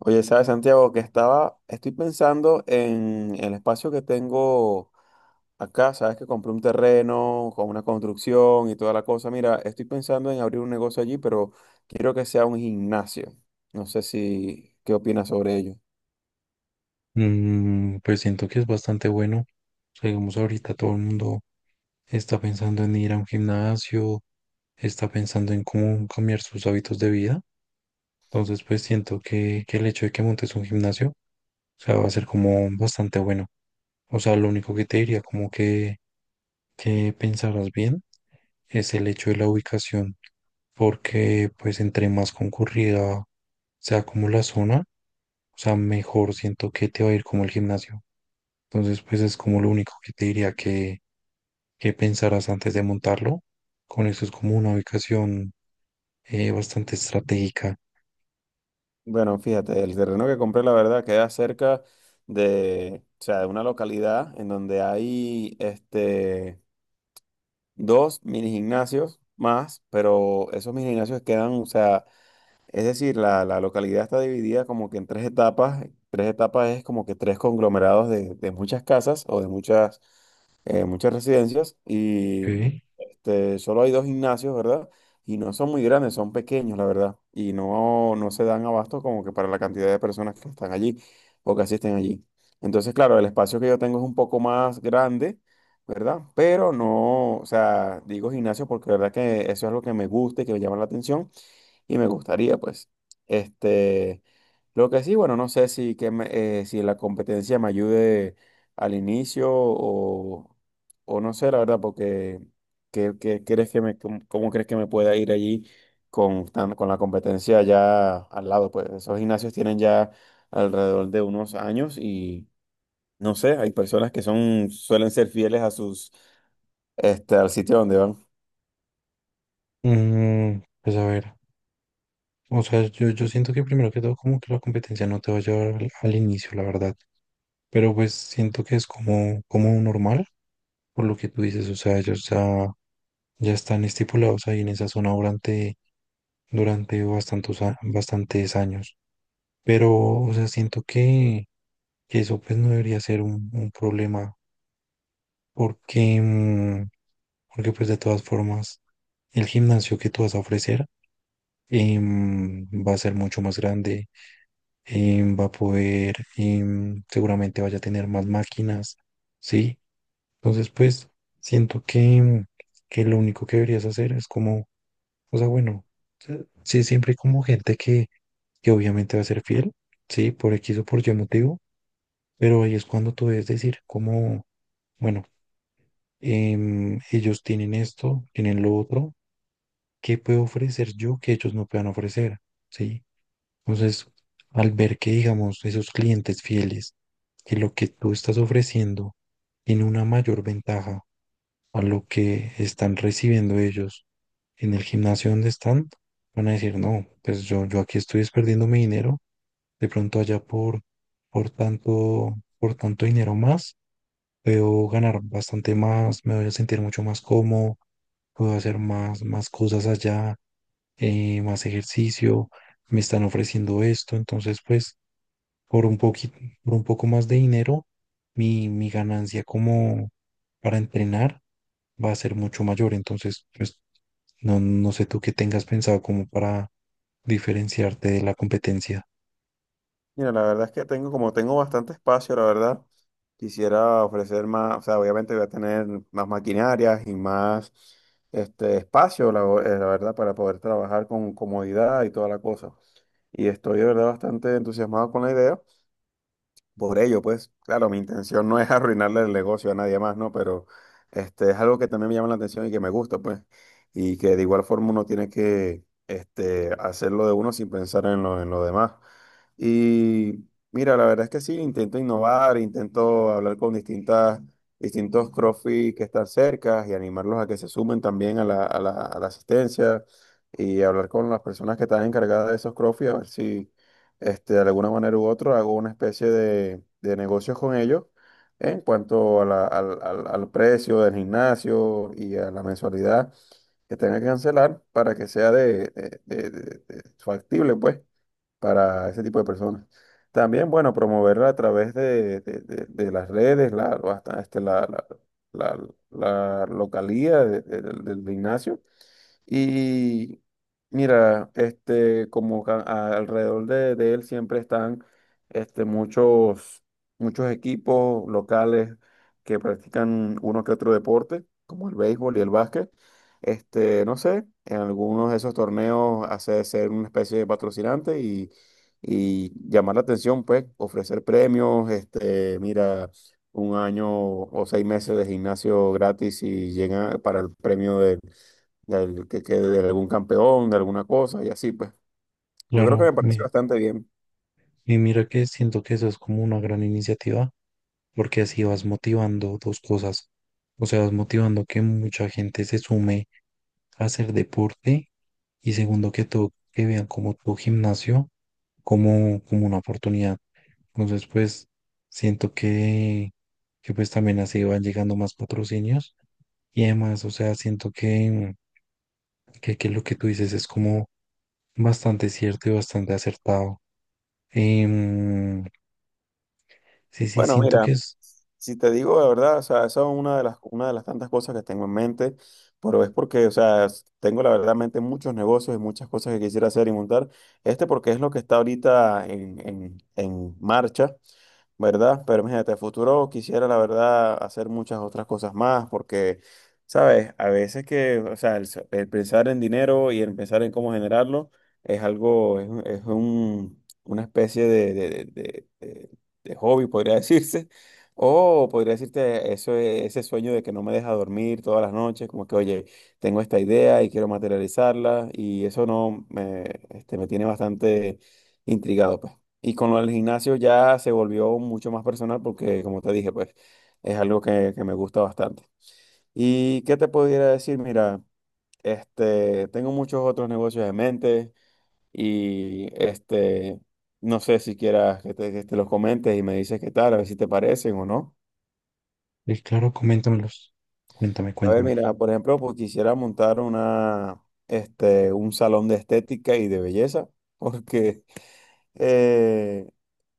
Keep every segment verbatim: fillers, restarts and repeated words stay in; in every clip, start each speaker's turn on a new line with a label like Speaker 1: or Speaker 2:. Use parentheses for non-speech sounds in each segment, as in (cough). Speaker 1: Oye, ¿sabes, Santiago? Que estaba, estoy pensando en el espacio que tengo acá. Sabes que compré un terreno con una construcción y toda la cosa. Mira, estoy pensando en abrir un negocio allí, pero quiero que sea un gimnasio. No sé si, ¿Qué opinas sobre ello?
Speaker 2: Mm, pues siento que es bastante bueno. O sea, digamos, ahorita todo el mundo está pensando en ir a un gimnasio, está pensando en cómo cambiar sus hábitos de vida. Entonces, pues siento que, que el hecho de que montes un gimnasio, o sea, va a ser como bastante bueno. O sea, lo único que te diría como que, que pensaras bien es el hecho de la ubicación, porque pues entre más concurrida sea como la zona, o sea, mejor siento que te va a ir como el gimnasio. Entonces, pues es como lo único que te diría que pensarás antes de montarlo. Con eso es como una ubicación eh, bastante estratégica.
Speaker 1: Bueno, fíjate, el terreno que compré, la verdad, queda cerca de, o sea, de una localidad en donde hay este, dos mini gimnasios más, pero esos mini gimnasios quedan, o sea, es decir, la, la localidad está dividida como que en tres etapas. Tres etapas es como que tres conglomerados de, de muchas casas o de muchas, eh, muchas residencias. Y
Speaker 2: ¿Ok?
Speaker 1: este, solo hay dos gimnasios, ¿verdad? Y no son muy grandes, son pequeños, la verdad. Y no, no se dan abasto como que para la cantidad de personas que están allí o que asisten allí. Entonces, claro, el espacio que yo tengo es un poco más grande, ¿verdad? Pero no, o sea, digo gimnasio porque la verdad que eso es lo que me gusta y que me llama la atención y me gustaría, pues. Este, lo que sí, bueno, no sé si, que me- eh, si la competencia me ayude al inicio o, o no sé, la verdad, porque ¿qué, qué crees que me, cómo, ¿cómo crees que me pueda ir allí con, tan- con la competencia ya al lado? Pues esos gimnasios tienen ya alrededor de unos años y no sé, hay personas que son, suelen ser fieles a sus, este, al sitio donde van.
Speaker 2: Mm, pues a ver, o sea, yo, yo siento que primero que todo como que la competencia no te va a llevar al, al inicio, la verdad. Pero pues siento que es como, como normal, por lo que tú dices, o sea, ellos ya, ya están estipulados ahí en esa zona durante, durante bastantes, a- bastantes años. Pero, o sea, siento que, que eso pues no debería ser un, un problema porque, mm, porque pues de todas formas el gimnasio que tú vas a ofrecer em, va a ser mucho más grande, em, va a poder, em, seguramente vaya a tener más máquinas, ¿sí? Entonces pues siento que, que lo único que deberías hacer es como, o sea, bueno, se- sí, siempre hay como gente que, que obviamente va a ser fiel, ¿sí? Por X o por Y motivo, pero ahí es cuando tú debes decir como, bueno, em, ellos tienen esto, tienen lo otro, ¿qué puedo ofrecer yo que ellos no puedan ofrecer? ¿Sí? Entonces, al ver que, digamos, esos clientes fieles, que lo que tú estás ofreciendo tiene una mayor ventaja a lo que están recibiendo ellos en el gimnasio donde están, van a decir, no, pues yo, yo aquí estoy perdiendo mi dinero, de pronto allá por, por tanto, por tanto dinero más puedo ganar bastante más, me voy a sentir mucho más cómodo, puedo hacer más, más cosas allá, eh, más ejercicio, me están ofreciendo esto, entonces pues por un poquito, por un poco más de dinero, mi, mi ganancia como para entrenar va a ser mucho mayor, entonces pues no, no sé tú qué tengas pensado como para diferenciarte de la competencia.
Speaker 1: Mira, la verdad es que tengo, como tengo bastante espacio, la verdad, quisiera ofrecer más, o sea, obviamente voy a tener más maquinarias y más este espacio, la, eh, la verdad, para poder trabajar con comodidad y toda la cosa. Y estoy de verdad bastante entusiasmado con la idea. Por ello, pues, claro, mi intención no es (laughs) arruinarle el negocio a nadie más, ¿no? Pero este, es algo que también me llama la atención y que me gusta, pues, y que de igual forma uno tiene que este, hacerlo de uno sin pensar en lo, en lo demás. Y mira, la verdad es que sí, intento innovar, intento hablar con distintas, distintos CrossFit que están cerca y animarlos a que se sumen también a la, a la, a la asistencia, y hablar con las personas que están encargadas de esos CrossFit, a ver si este, de alguna manera u otra, hago una especie de, de negocios con ellos en cuanto a la- al, al- al precio del gimnasio y a la mensualidad que tenga que cancelar para que sea de, de- de- de- de- factible, pues, para ese tipo de personas. También, bueno, promoverla a través de, de- de- de las redes, la, hasta- este, la, la, la- la localía de- de- del del gimnasio. Y mira, este, como ca- a- alrededor de, de él siempre están este, muchos, muchos equipos locales que practican uno que otro deporte, como el béisbol y el básquet. Este, no sé, en algunos de esos torneos hace ser una especie de patrocinante y, y llamar la atención, pues, ofrecer premios, este, mira, un año o seis meses de gimnasio gratis y llega para el premio de del, que, que de algún campeón, de alguna cosa y así, pues. Yo creo que
Speaker 2: Claro,
Speaker 1: me parece
Speaker 2: me,
Speaker 1: bastante bien.
Speaker 2: Y mira que siento que eso es como una gran iniciativa, porque así vas motivando dos cosas. O sea, vas motivando que mucha gente se sume a hacer deporte y segundo que todo, que vean como tu gimnasio como, como una oportunidad. Entonces, pues, siento que, que pues también así van llegando más patrocinios y además, o sea, siento que, que, que lo que tú dices es como bastante cierto y bastante acertado. Em, sí, sí,
Speaker 1: Bueno,
Speaker 2: siento
Speaker 1: mira,
Speaker 2: que es.
Speaker 1: si te digo la verdad, o sea, esa es una de las, una de las tantas cosas que tengo en mente, pero es porque, o sea, s- tengo la verdad en mente muchos negocios y muchas cosas que quisiera hacer y montar. Este porque es lo que está ahorita en, en, en marcha. ¿Verdad? Pero imagínate, a futuro quisiera, la verdad, hacer muchas otras cosas más, porque, ¿sabes? A veces que, o sea, el, s- el pensar en dinero y el pensar en cómo generarlo es algo, es, un- es un- una especie de, de, de- de- de- de hobby, podría (laughs) decirse. O podría decirte eso, e- ese sueño de que no me deja dormir todas las noches, como que, oye, tengo esta idea y quiero materializarla, y eso no me, este, me tiene bastante intrigado, pues. Y con lo del gimnasio ya se volvió mucho más personal porque, como te dije, pues es algo que, que me gusta bastante. ¿Y qué te pudiera decir? Mira, este, tengo muchos otros negocios en mente y este, no sé si quieras que te, que te los comentes y me dices qué tal, a ver si te parecen o no.
Speaker 2: Eh, claro, coméntamelos. Cuéntame,
Speaker 1: A ver,
Speaker 2: cuéntame.
Speaker 1: mira, por ejemplo, pues quisiera montar una, este, un salón de estética y de belleza (laughs) porque eh,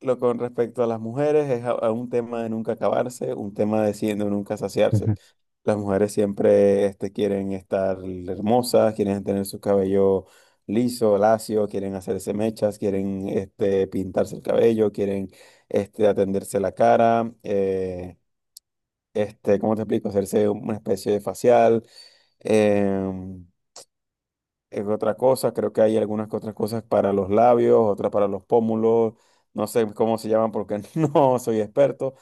Speaker 1: lo con respecto a las mujeres es a, a un tema de nunca acabarse, un tema de siendo nunca saciarse.
Speaker 2: Ujú.
Speaker 1: Las mujeres siempre este, quieren estar hermosas, quieren tener su cabello liso, lacio, quieren hacerse mechas, quieren este, pintarse el cabello, quieren este, atenderse la cara, eh, este, ¿cómo te explico? Hacerse una especie de facial. em, es otra cosa, creo que hay algunas que otras cosas para los labios, otras para los pómulos, no sé cómo se llaman porque (laughs) no soy experto,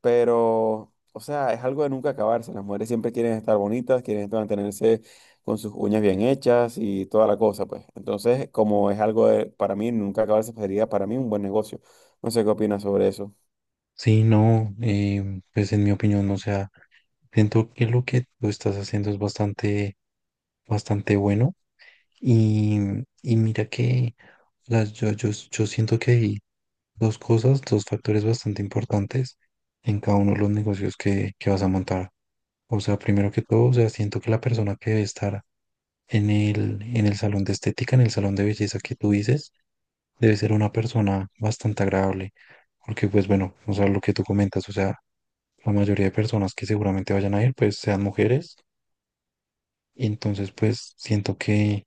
Speaker 1: pero, o sea, es algo de nunca acabarse, las mujeres siempre quieren estar bonitas, quieren estar- mantenerse con sus uñas bien hechas y toda la cosa, pues. Entonces, como es algo de- para mí, nunca acabarse, pues, sería para mí un buen negocio. No sé qué opinas sobre eso.
Speaker 2: Sí, no, eh, pues en mi opinión, o sea, siento que lo que tú estás haciendo es bastante, bastante bueno. Y, mm, y mira que las, yo, yo, yo siento que hay dos cosas, dos factores bastante importantes en cada uno de los negocios que, que vas a montar. O sea, primero que todo, o sea, siento que la persona que debe estar en el, en el salón de estética, en el salón de belleza que tú dices, debe ser una persona bastante agradable, porque pues bueno, o sea, lo que tú comentas, o sea, la mayoría de personas que seguramente vayan a ir, pues sean mujeres, y entonces pues siento que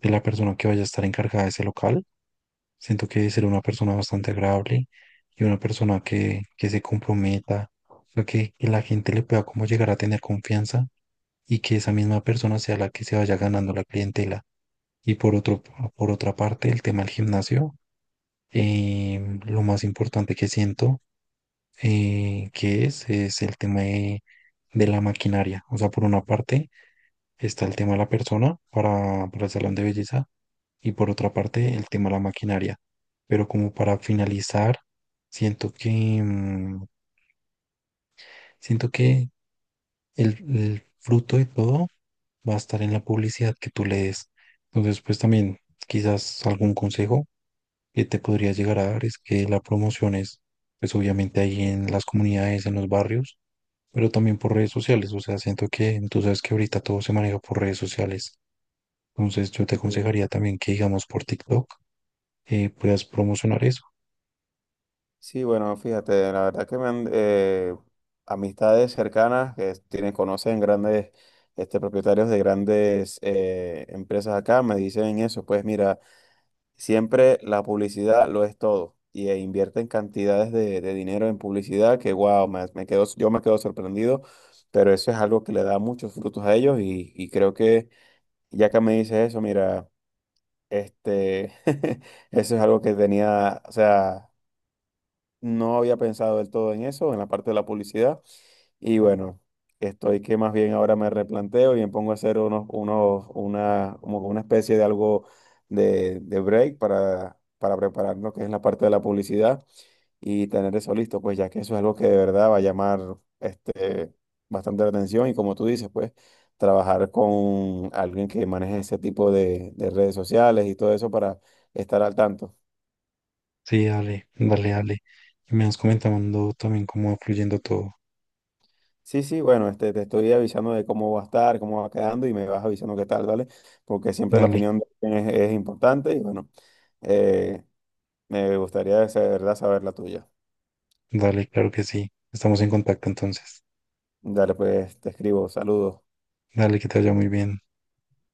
Speaker 2: de la persona que vaya a estar encargada de ese local, siento que debe ser una persona bastante agradable y una persona que, que se comprometa, o sea, que, que la gente le pueda como llegar a tener confianza y que esa misma persona sea la que se vaya ganando la clientela. Y por otro, por otra parte, el tema del gimnasio. eh, lo más importante que siento eh, que es, es el tema de, de la maquinaria. O sea, por una parte está el tema de la persona para, para el salón de belleza y por otra parte el tema de la maquinaria. Pero como para finalizar, siento que, mm, siento que el, el fruto de todo va a estar en la publicidad que tú le des. Entonces, pues también quizás algún consejo que te podría llegar a dar es que la promoción es, pues obviamente ahí en las comunidades, en los barrios, pero también por redes sociales. O sea, siento que tú sabes que ahorita todo se maneja por redes sociales. Entonces yo te
Speaker 1: Sí.
Speaker 2: aconsejaría también que, digamos, por TikTok eh, puedas promocionar eso.
Speaker 1: Sí, bueno, fíjate, la verdad que me han, eh, amistades cercanas que tienen, conocen grandes este, propietarios de grandes eh, empresas acá me dicen eso, pues mira, siempre la publicidad lo es todo y eh, invierten cantidades de, de dinero en publicidad que wow, me, me quedo, yo me quedo sorprendido, pero eso es algo que le da muchos frutos a ellos y, y creo que ya que me dices eso, mira, este, (laughs) eso es algo que tenía, o sea... No había pensado del todo en eso, en la parte de la publicidad. Y bueno, estoy que más bien ahora me replanteo y me pongo a hacer unos, unos, una, como una especie de algo de, de break para, para preparar lo que es la parte de la publicidad y tener eso listo, pues ya que eso es algo que de verdad va a llamar este, bastante la atención y como tú dices, pues trabajar con alguien que maneje ese tipo de, de redes sociales y todo eso para estar al tanto.
Speaker 2: Sí, dale, dale, dale. Y me vas comentando también cómo va fluyendo todo.
Speaker 1: Sí, sí, bueno, este, te estoy avisando de cómo va a estar, cómo va quedando y me vas avisando qué tal, ¿vale? Porque siempre la
Speaker 2: Dale,
Speaker 1: opinión de alguien es, es importante y bueno, eh, me gustaría de verdad saber la tuya.
Speaker 2: dale, claro que sí. Estamos en contacto entonces.
Speaker 1: Dale, pues te escribo, saludos.
Speaker 2: Dale, que te vaya muy bien.